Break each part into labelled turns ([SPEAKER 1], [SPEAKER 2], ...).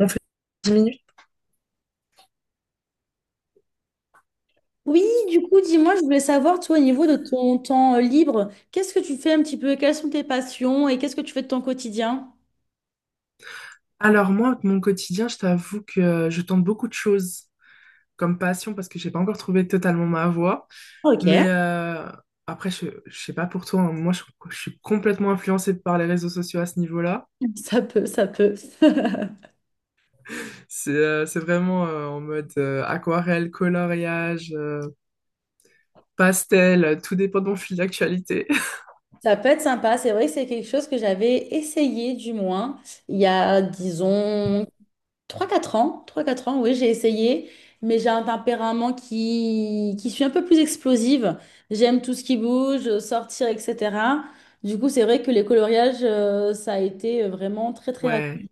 [SPEAKER 1] On fait 10 minutes?
[SPEAKER 2] Oui, du coup, dis-moi, je voulais savoir, toi, au niveau de ton temps libre, qu'est-ce que tu fais un petit peu? Quelles sont tes passions et qu'est-ce que tu fais de ton quotidien?
[SPEAKER 1] Alors moi, mon quotidien, je t'avoue que je tente beaucoup de choses comme passion parce que j'ai pas encore trouvé totalement ma voie.
[SPEAKER 2] Ok,
[SPEAKER 1] Mais euh, après, je sais pas pour toi, hein, je suis complètement influencée par les réseaux sociaux à ce niveau-là.
[SPEAKER 2] ça peut, ça peut.
[SPEAKER 1] C'est vraiment en mode aquarelle, coloriage, pastel, tout dépend de mon fil d'actualité.
[SPEAKER 2] Ça peut être sympa. C'est vrai que c'est quelque chose que j'avais essayé, du moins, il y a, disons, trois quatre ans, oui, j'ai essayé, mais j'ai un tempérament qui suis un peu plus explosive. J'aime tout ce qui bouge, sortir, etc. Du coup, c'est vrai que les coloriages, ça a été vraiment très, très.
[SPEAKER 1] Ouais,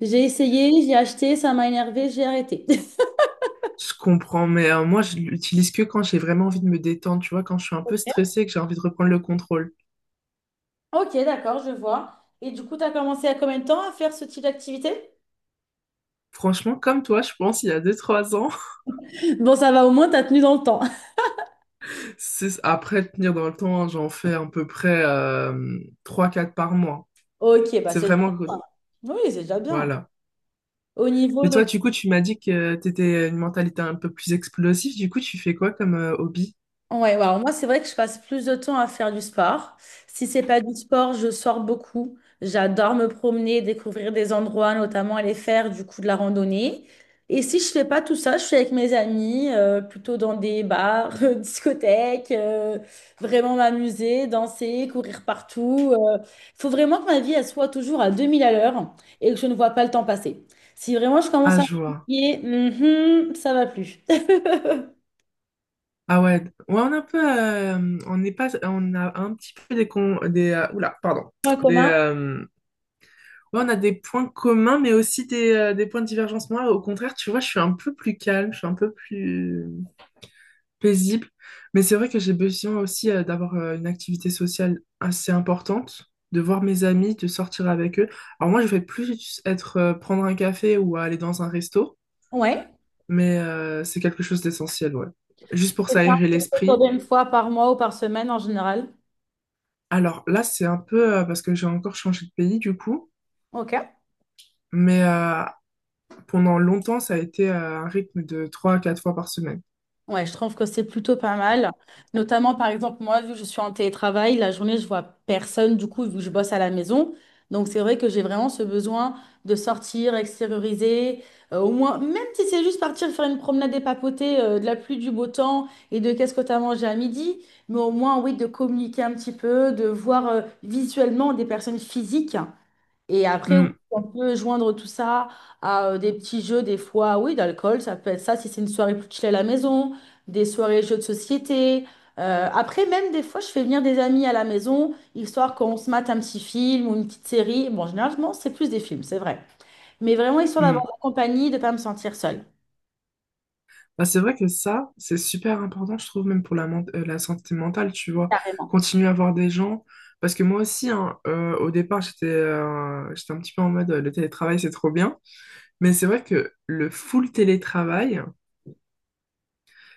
[SPEAKER 2] J'ai essayé, j'ai acheté, ça m'a énervé, j'ai arrêté.
[SPEAKER 1] je comprends, mais moi je l'utilise que quand j'ai vraiment envie de me détendre, tu vois, quand je suis un peu stressée et que j'ai envie de reprendre le contrôle.
[SPEAKER 2] Ok, d'accord, je vois. Et du coup, tu as commencé à combien de temps à faire ce type d'activité?
[SPEAKER 1] Franchement, comme toi, je pense, il y a deux trois ans.
[SPEAKER 2] Bon, ça va, au moins, t'as tenu dans le temps.
[SPEAKER 1] C'est après tenir dans le temps, j'en fais à peu près trois quatre par mois.
[SPEAKER 2] Ok, bah
[SPEAKER 1] C'est
[SPEAKER 2] c'est déjà
[SPEAKER 1] vraiment good.
[SPEAKER 2] bien. Oui, c'est déjà bien.
[SPEAKER 1] Voilà.
[SPEAKER 2] Au niveau
[SPEAKER 1] Et
[SPEAKER 2] de.
[SPEAKER 1] toi, du coup, tu m'as dit que tu étais une mentalité un peu plus explosive. Du coup, tu fais quoi comme hobby?
[SPEAKER 2] Ouais, ouais, alors moi, c'est vrai que je passe plus de temps à faire du sport. Si c'est pas du sport, je sors beaucoup. J'adore me promener, découvrir des endroits, notamment aller faire du coup de la randonnée. Et si je fais pas tout ça, je suis avec mes amis, plutôt dans des bars, discothèques, vraiment m'amuser, danser, courir partout. Il faut vraiment que ma vie, elle soit toujours à 2000 à l'heure et que je ne vois pas le temps passer. Si vraiment je commence
[SPEAKER 1] Ah,
[SPEAKER 2] à me
[SPEAKER 1] je vois.
[SPEAKER 2] fatiguer, mhm, ça va plus.
[SPEAKER 1] Ah ouais. Ouais, on a un peu, on n'est pas, on a un petit peu oula, pardon,
[SPEAKER 2] Point
[SPEAKER 1] des,
[SPEAKER 2] commun,
[SPEAKER 1] euh, ouais, on a des points communs, mais aussi des points de divergence. Moi, au contraire, tu vois, je suis un peu plus calme, je suis un peu plus paisible. Mais c'est vrai que j'ai besoin aussi d'avoir une activité sociale assez importante, de voir mes amis, de sortir avec eux. Alors moi, je vais plus être prendre un café ou aller dans un resto,
[SPEAKER 2] ouais.
[SPEAKER 1] mais c'est quelque chose d'essentiel, ouais.
[SPEAKER 2] Je
[SPEAKER 1] Juste pour
[SPEAKER 2] fais ça à
[SPEAKER 1] s'aérer
[SPEAKER 2] peu près
[SPEAKER 1] l'esprit.
[SPEAKER 2] combien de fois par mois ou par semaine en général?
[SPEAKER 1] Alors là, c'est un peu parce que j'ai encore changé de pays du coup,
[SPEAKER 2] Ok.
[SPEAKER 1] mais pendant longtemps, ça a été un rythme de 3 à 4 fois par semaine.
[SPEAKER 2] Ouais, je trouve que c'est plutôt pas mal. Notamment, par exemple, moi, vu que je suis en télétravail, la journée, je vois personne, du coup, vu que je bosse à la maison. Donc, c'est vrai que j'ai vraiment ce besoin de sortir, extérioriser, au moins, même si c'est juste partir faire une promenade et papoter, de la pluie, du beau temps et de qu'est-ce que tu as mangé à midi, mais au moins, oui, de communiquer un petit peu, de voir, visuellement des personnes physiques. Et après, oui,
[SPEAKER 1] Mm,
[SPEAKER 2] on peut joindre tout ça à des petits jeux, des fois, oui, d'alcool, ça peut être ça si c'est une soirée plus chill à la maison, des soirées jeux de société. Après, même des fois, je fais venir des amis à la maison, histoire qu'on se mate un petit film ou une petite série. Bon, généralement, c'est plus des films, c'est vrai. Mais vraiment, histoire d'avoir
[SPEAKER 1] mm.
[SPEAKER 2] de la compagnie, de ne pas me sentir seule.
[SPEAKER 1] Bah, c'est vrai que ça, c'est super important, je trouve, même pour la, la santé mentale, tu vois.
[SPEAKER 2] Carrément.
[SPEAKER 1] Continuer à voir des gens. Parce que moi aussi, hein, au départ, j'étais j'étais un petit peu en mode le télétravail, c'est trop bien. Mais c'est vrai que le full télétravail,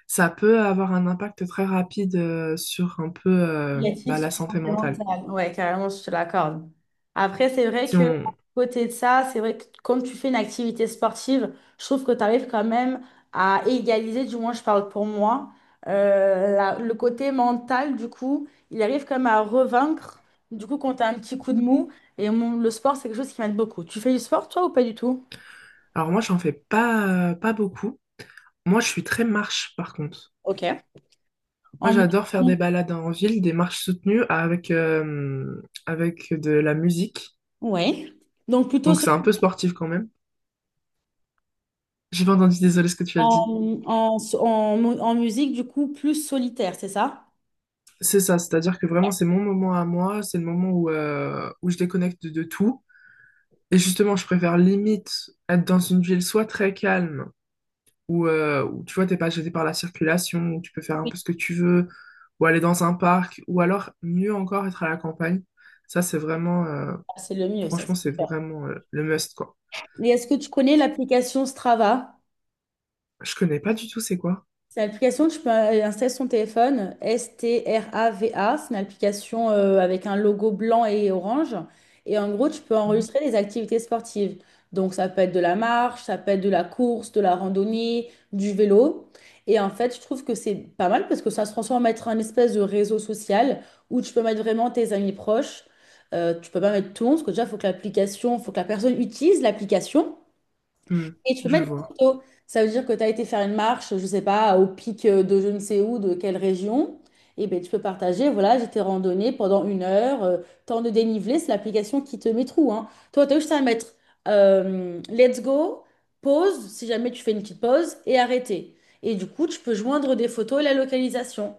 [SPEAKER 1] ça peut avoir un impact très rapide sur un peu
[SPEAKER 2] Négatif
[SPEAKER 1] bah,
[SPEAKER 2] sur
[SPEAKER 1] la
[SPEAKER 2] la
[SPEAKER 1] santé
[SPEAKER 2] santé
[SPEAKER 1] mentale.
[SPEAKER 2] mentale. Ouais, carrément, je te l'accorde. Après, c'est vrai
[SPEAKER 1] Si
[SPEAKER 2] que, à
[SPEAKER 1] on...
[SPEAKER 2] côté de ça, c'est vrai que comme tu fais une activité sportive, je trouve que tu arrives quand même à égaliser, du moins, je parle pour moi, la- le côté mental, du coup, il arrive quand même à revaincre, du coup, quand tu as un petit coup de mou. Et mon- le sport, c'est quelque chose qui m'aide beaucoup. Tu fais du sport, toi, ou pas du tout?
[SPEAKER 1] Alors moi, j'en fais pas, pas beaucoup. Moi, je suis très marche, par contre.
[SPEAKER 2] Ok.
[SPEAKER 1] Moi,
[SPEAKER 2] En.
[SPEAKER 1] j'adore faire des balades en ville, des marches soutenues avec, avec de la musique.
[SPEAKER 2] Ouais. Donc, plutôt
[SPEAKER 1] Donc c'est un peu sportif quand même. J'ai pas entendu, désolé ce que tu as dit.
[SPEAKER 2] en musique, du coup, plus solitaire, c'est ça?
[SPEAKER 1] C'est ça, c'est-à-dire que vraiment c'est mon moment à moi, c'est le moment où je déconnecte de, tout. Et justement, je préfère limite être dans une ville soit très calme, où tu vois, t'es pas gêné par la circulation, où tu peux faire un peu ce que tu veux, ou aller dans un parc, ou alors mieux encore être à la campagne. Ça, c'est vraiment,
[SPEAKER 2] C'est le mieux, ça, c'est
[SPEAKER 1] franchement, c'est
[SPEAKER 2] sûr.
[SPEAKER 1] vraiment le must, quoi.
[SPEAKER 2] Mais est-ce que tu connais l'application Strava?
[SPEAKER 1] Je connais pas du tout c'est quoi.
[SPEAKER 2] C'est une application que tu peux installer sur ton téléphone, Strava. C'est une application avec un logo blanc et orange. Et en gros, tu peux
[SPEAKER 1] Mhm.
[SPEAKER 2] enregistrer des activités sportives. Donc, ça peut être de la marche, ça peut être de la course, de la randonnée, du vélo. Et en fait, je trouve que c'est pas mal parce que ça se transforme en être un espèce de réseau social où tu peux mettre vraiment tes amis proches. Tu peux pas mettre tout le monde parce que déjà, il faut que l'application, faut que la personne utilise l'application.
[SPEAKER 1] Hmm,
[SPEAKER 2] Et tu peux
[SPEAKER 1] je
[SPEAKER 2] mettre des
[SPEAKER 1] vois.
[SPEAKER 2] photos. Ça veut dire que tu as été faire une marche, je ne sais pas, au pic de je ne sais où, de quelle région. Et bien, tu peux partager, voilà, j'étais randonnée pendant une heure, temps de dénivelé, c'est l'application qui te met tout, hein. Toi, tu as juste à mettre let's go, pause, si jamais tu fais une petite pause, et arrêter. Et du coup, tu peux joindre des photos et la localisation.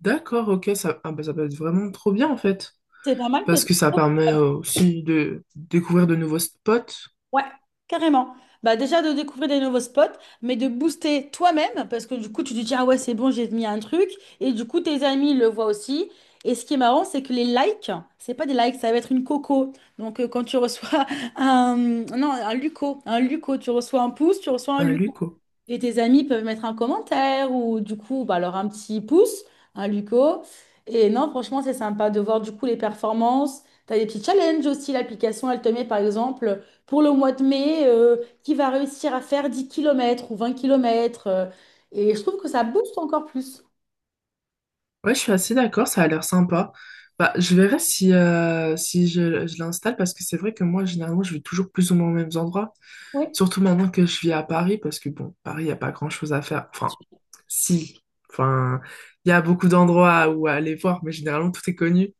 [SPEAKER 1] D'accord, ok, ça, ah, bah, ça peut être vraiment trop bien en fait.
[SPEAKER 2] C'est pas mal
[SPEAKER 1] Parce
[SPEAKER 2] parce que.
[SPEAKER 1] que ça permet aussi de découvrir de nouveaux spots.
[SPEAKER 2] Ouais, carrément. Bah déjà de découvrir des nouveaux spots, mais de booster toi-même, parce que du coup, tu te dis, ah ouais, c'est bon, j'ai mis un truc, et du coup, tes amis le voient aussi. Et ce qui est marrant, c'est que les likes, c'est pas des likes, ça va être une coco. Donc, quand tu reçois un, non, un luco, tu reçois un pouce, tu reçois un
[SPEAKER 1] Un
[SPEAKER 2] luco.
[SPEAKER 1] lieu.
[SPEAKER 2] Et tes amis peuvent mettre un commentaire ou du coup, bah, alors un petit pouce, un Luco. Et non, franchement, c'est sympa de voir du coup les performances. Tu as des petits challenges aussi. L'application, elle te met par exemple pour le mois de mai, qui va réussir à faire 10 kilomètres ou 20 kilomètres. Et je trouve que ça booste encore plus.
[SPEAKER 1] Ouais, je suis assez d'accord, ça a l'air sympa. Bah, je verrai si, je l'installe parce que c'est vrai que moi, généralement, je vais toujours plus ou moins aux mêmes endroits.
[SPEAKER 2] Oui.
[SPEAKER 1] Surtout maintenant que je vis à Paris parce que, bon, Paris, il n'y a pas grand-chose à faire. Enfin, si. Enfin, il y a beaucoup d'endroits où aller voir, mais généralement, tout est connu.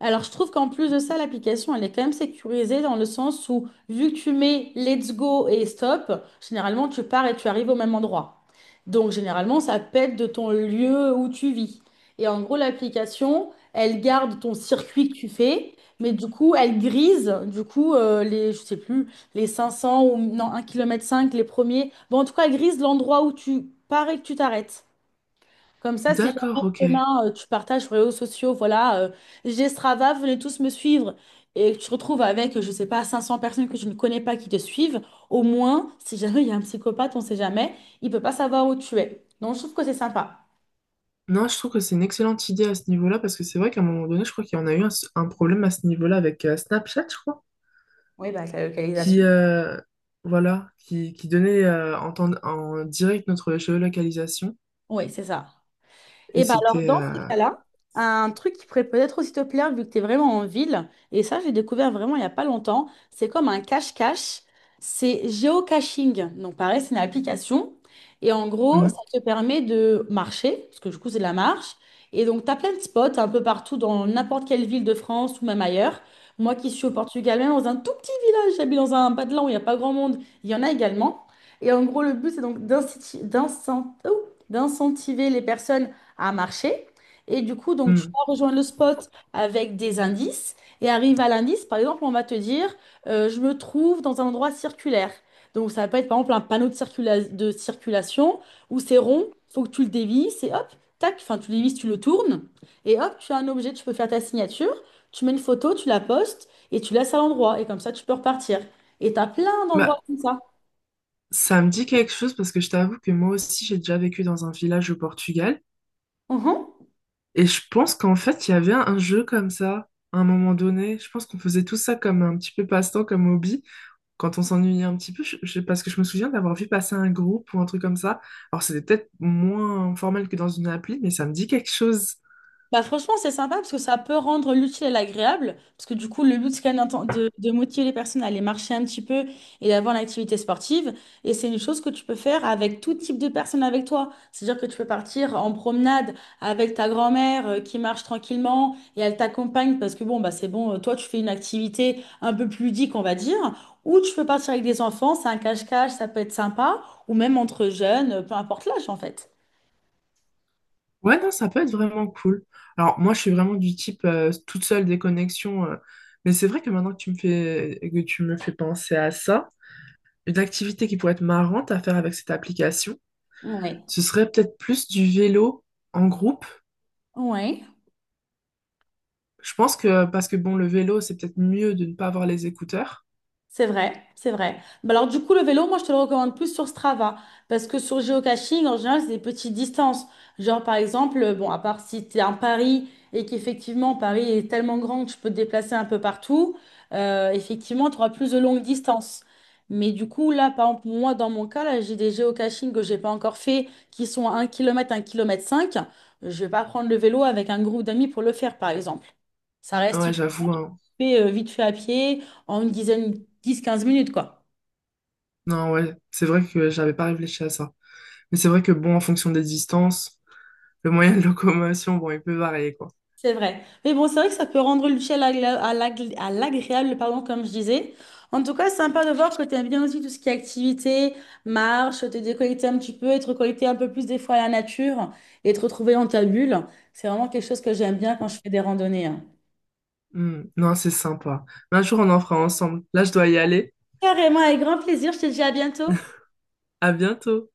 [SPEAKER 2] Alors, je trouve qu'en plus de ça, l'application, elle est quand même sécurisée dans le sens où, vu que tu mets let's go et stop, généralement, tu pars et tu arrives au même endroit. Donc, généralement, ça pète de ton lieu où tu vis. Et en gros, l'application, elle garde ton circuit que tu fais, mais du coup, elle grise, du coup, les, je sais plus, les 500 ou non, 1,5 km, les premiers. Bon, en tout cas, elle grise l'endroit où tu pars et que tu t'arrêtes. Comme ça, si jamais
[SPEAKER 1] D'accord, ok.
[SPEAKER 2] demain tu partages sur les réseaux sociaux, voilà, j'ai Strava, venez tous me suivre, et que tu te retrouves avec, je sais pas, 500 personnes que je ne connais pas qui te suivent, au moins, si jamais il y a un psychopathe, on sait jamais, il peut pas savoir où tu es. Donc je trouve que c'est sympa.
[SPEAKER 1] Non, je trouve que c'est une excellente idée à ce niveau-là parce que c'est vrai qu'à un moment donné, je crois qu'il y en a eu un problème à ce niveau-là avec Snapchat, je crois.
[SPEAKER 2] Oui, bah, avec la
[SPEAKER 1] Qui
[SPEAKER 2] localisation.
[SPEAKER 1] voilà qui donnait en direct notre géolocalisation
[SPEAKER 2] Oui, c'est ça.
[SPEAKER 1] et
[SPEAKER 2] Et bien alors,
[SPEAKER 1] c'était
[SPEAKER 2] dans ces cas-là, un truc qui pourrait peut-être aussi te plaire, vu que tu es vraiment en ville, et ça, j'ai découvert vraiment il n'y a pas longtemps, c'est comme un cache-cache, c'est géocaching. Donc pareil, c'est une application, et en gros, ça
[SPEAKER 1] mhm,
[SPEAKER 2] te permet de marcher, parce que du coup, c'est de la marche, et donc tu as plein de spots un peu partout dans n'importe quelle ville de France ou même ailleurs. Moi qui suis au Portugal, même dans un tout petit village, j'habite dans un badeland où il n'y a pas grand monde, il y en a également. Et en gros, le but, c'est donc d'incentiver les personnes à marcher. Et du coup, donc, tu
[SPEAKER 1] mhm.
[SPEAKER 2] vas rejoindre le spot avec des indices et arrive à l'indice. Par exemple, on va te dire, je me trouve dans un endroit circulaire. Donc, ça peut être par exemple un panneau de circulation où c'est rond, faut que tu le dévisses et hop, tac, enfin, tu le dévisses, tu le tournes et hop, tu as un objet, tu peux faire ta signature, tu mets une photo, tu la postes et tu laisses à l'endroit. Et comme ça, tu peux repartir. Et tu as plein d'endroits
[SPEAKER 1] Bah,
[SPEAKER 2] comme ça.
[SPEAKER 1] ça me dit quelque chose parce que je t'avoue que moi aussi j'ai déjà vécu dans un village au Portugal
[SPEAKER 2] Mhm.
[SPEAKER 1] et je pense qu'en fait il y avait un jeu comme ça à un moment donné, je pense qu'on faisait tout ça comme un petit peu passe-temps comme hobby quand on s'ennuyait un petit peu, parce que je me souviens d'avoir vu passer un groupe ou un truc comme ça, alors c'était peut-être moins formel que dans une appli, mais ça me dit quelque chose.
[SPEAKER 2] Bah franchement, c'est sympa parce que ça peut rendre l'utile et l'agréable. Parce que du coup, le but, c'est quand même de motiver les personnes à aller marcher un petit peu et d'avoir une activité sportive. Et c'est une chose que tu peux faire avec tout type de personnes avec toi. C'est-à-dire que tu peux partir en promenade avec ta grand-mère qui marche tranquillement et elle t'accompagne parce que bon, bah c'est bon, toi, tu fais une activité un peu plus ludique, on va dire. Ou tu peux partir avec des enfants, c'est un cache-cache, ça peut être sympa. Ou même entre jeunes, peu importe l'âge en fait.
[SPEAKER 1] Ouais, non, ça peut être vraiment cool. Alors, moi, je suis vraiment du type toute seule des connexions. Mais c'est vrai que maintenant que tu me fais, que tu me fais penser à ça, une activité qui pourrait être marrante à faire avec cette application,
[SPEAKER 2] Ouais.
[SPEAKER 1] ce serait peut-être plus du vélo en groupe.
[SPEAKER 2] Ouais.
[SPEAKER 1] Je pense que, parce que bon, le vélo, c'est peut-être mieux de ne pas avoir les écouteurs.
[SPEAKER 2] C'est vrai, c'est vrai. Bah alors du coup, le vélo, moi, je te le recommande plus sur Strava, parce que sur géocaching, en général, c'est des petites distances. Genre, par exemple, bon, à part si tu es en Paris et qu'effectivement, Paris est tellement grand que tu peux te déplacer un peu partout, effectivement, tu auras plus de longues distances. Mais du coup, là, par exemple, moi, dans mon cas, là, j'ai des géocachings que j'ai pas encore fait, qui sont à 1 km, 1 km 5. Je vais pas prendre le vélo avec un groupe d'amis pour le faire, par exemple. Ça reste
[SPEAKER 1] Ouais, j'avoue, hein.
[SPEAKER 2] fait vite fait à pied en une dizaine, dix quinze minutes, quoi.
[SPEAKER 1] Non, ouais, c'est vrai que j'avais pas réfléchi à ça. Mais c'est vrai que bon, en fonction des distances, le moyen de locomotion, bon, il peut varier, quoi.
[SPEAKER 2] C'est vrai. Mais bon, c'est vrai que ça peut rendre l'utile à à l'agréable, pardon, comme je disais. En tout cas, c'est sympa de voir que tu aimes bien aussi tout ce qui est activité, marche, te déconnecter un petit peu, et te reconnecter un peu plus des fois à la nature et te retrouver dans ta bulle. C'est vraiment quelque chose que j'aime bien quand je fais des randonnées, hein.
[SPEAKER 1] Hmm, non, c'est sympa. Mais un jour, on en fera ensemble. Là, je dois y aller.
[SPEAKER 2] Carrément, avec grand plaisir. Je te dis à bientôt.
[SPEAKER 1] À bientôt.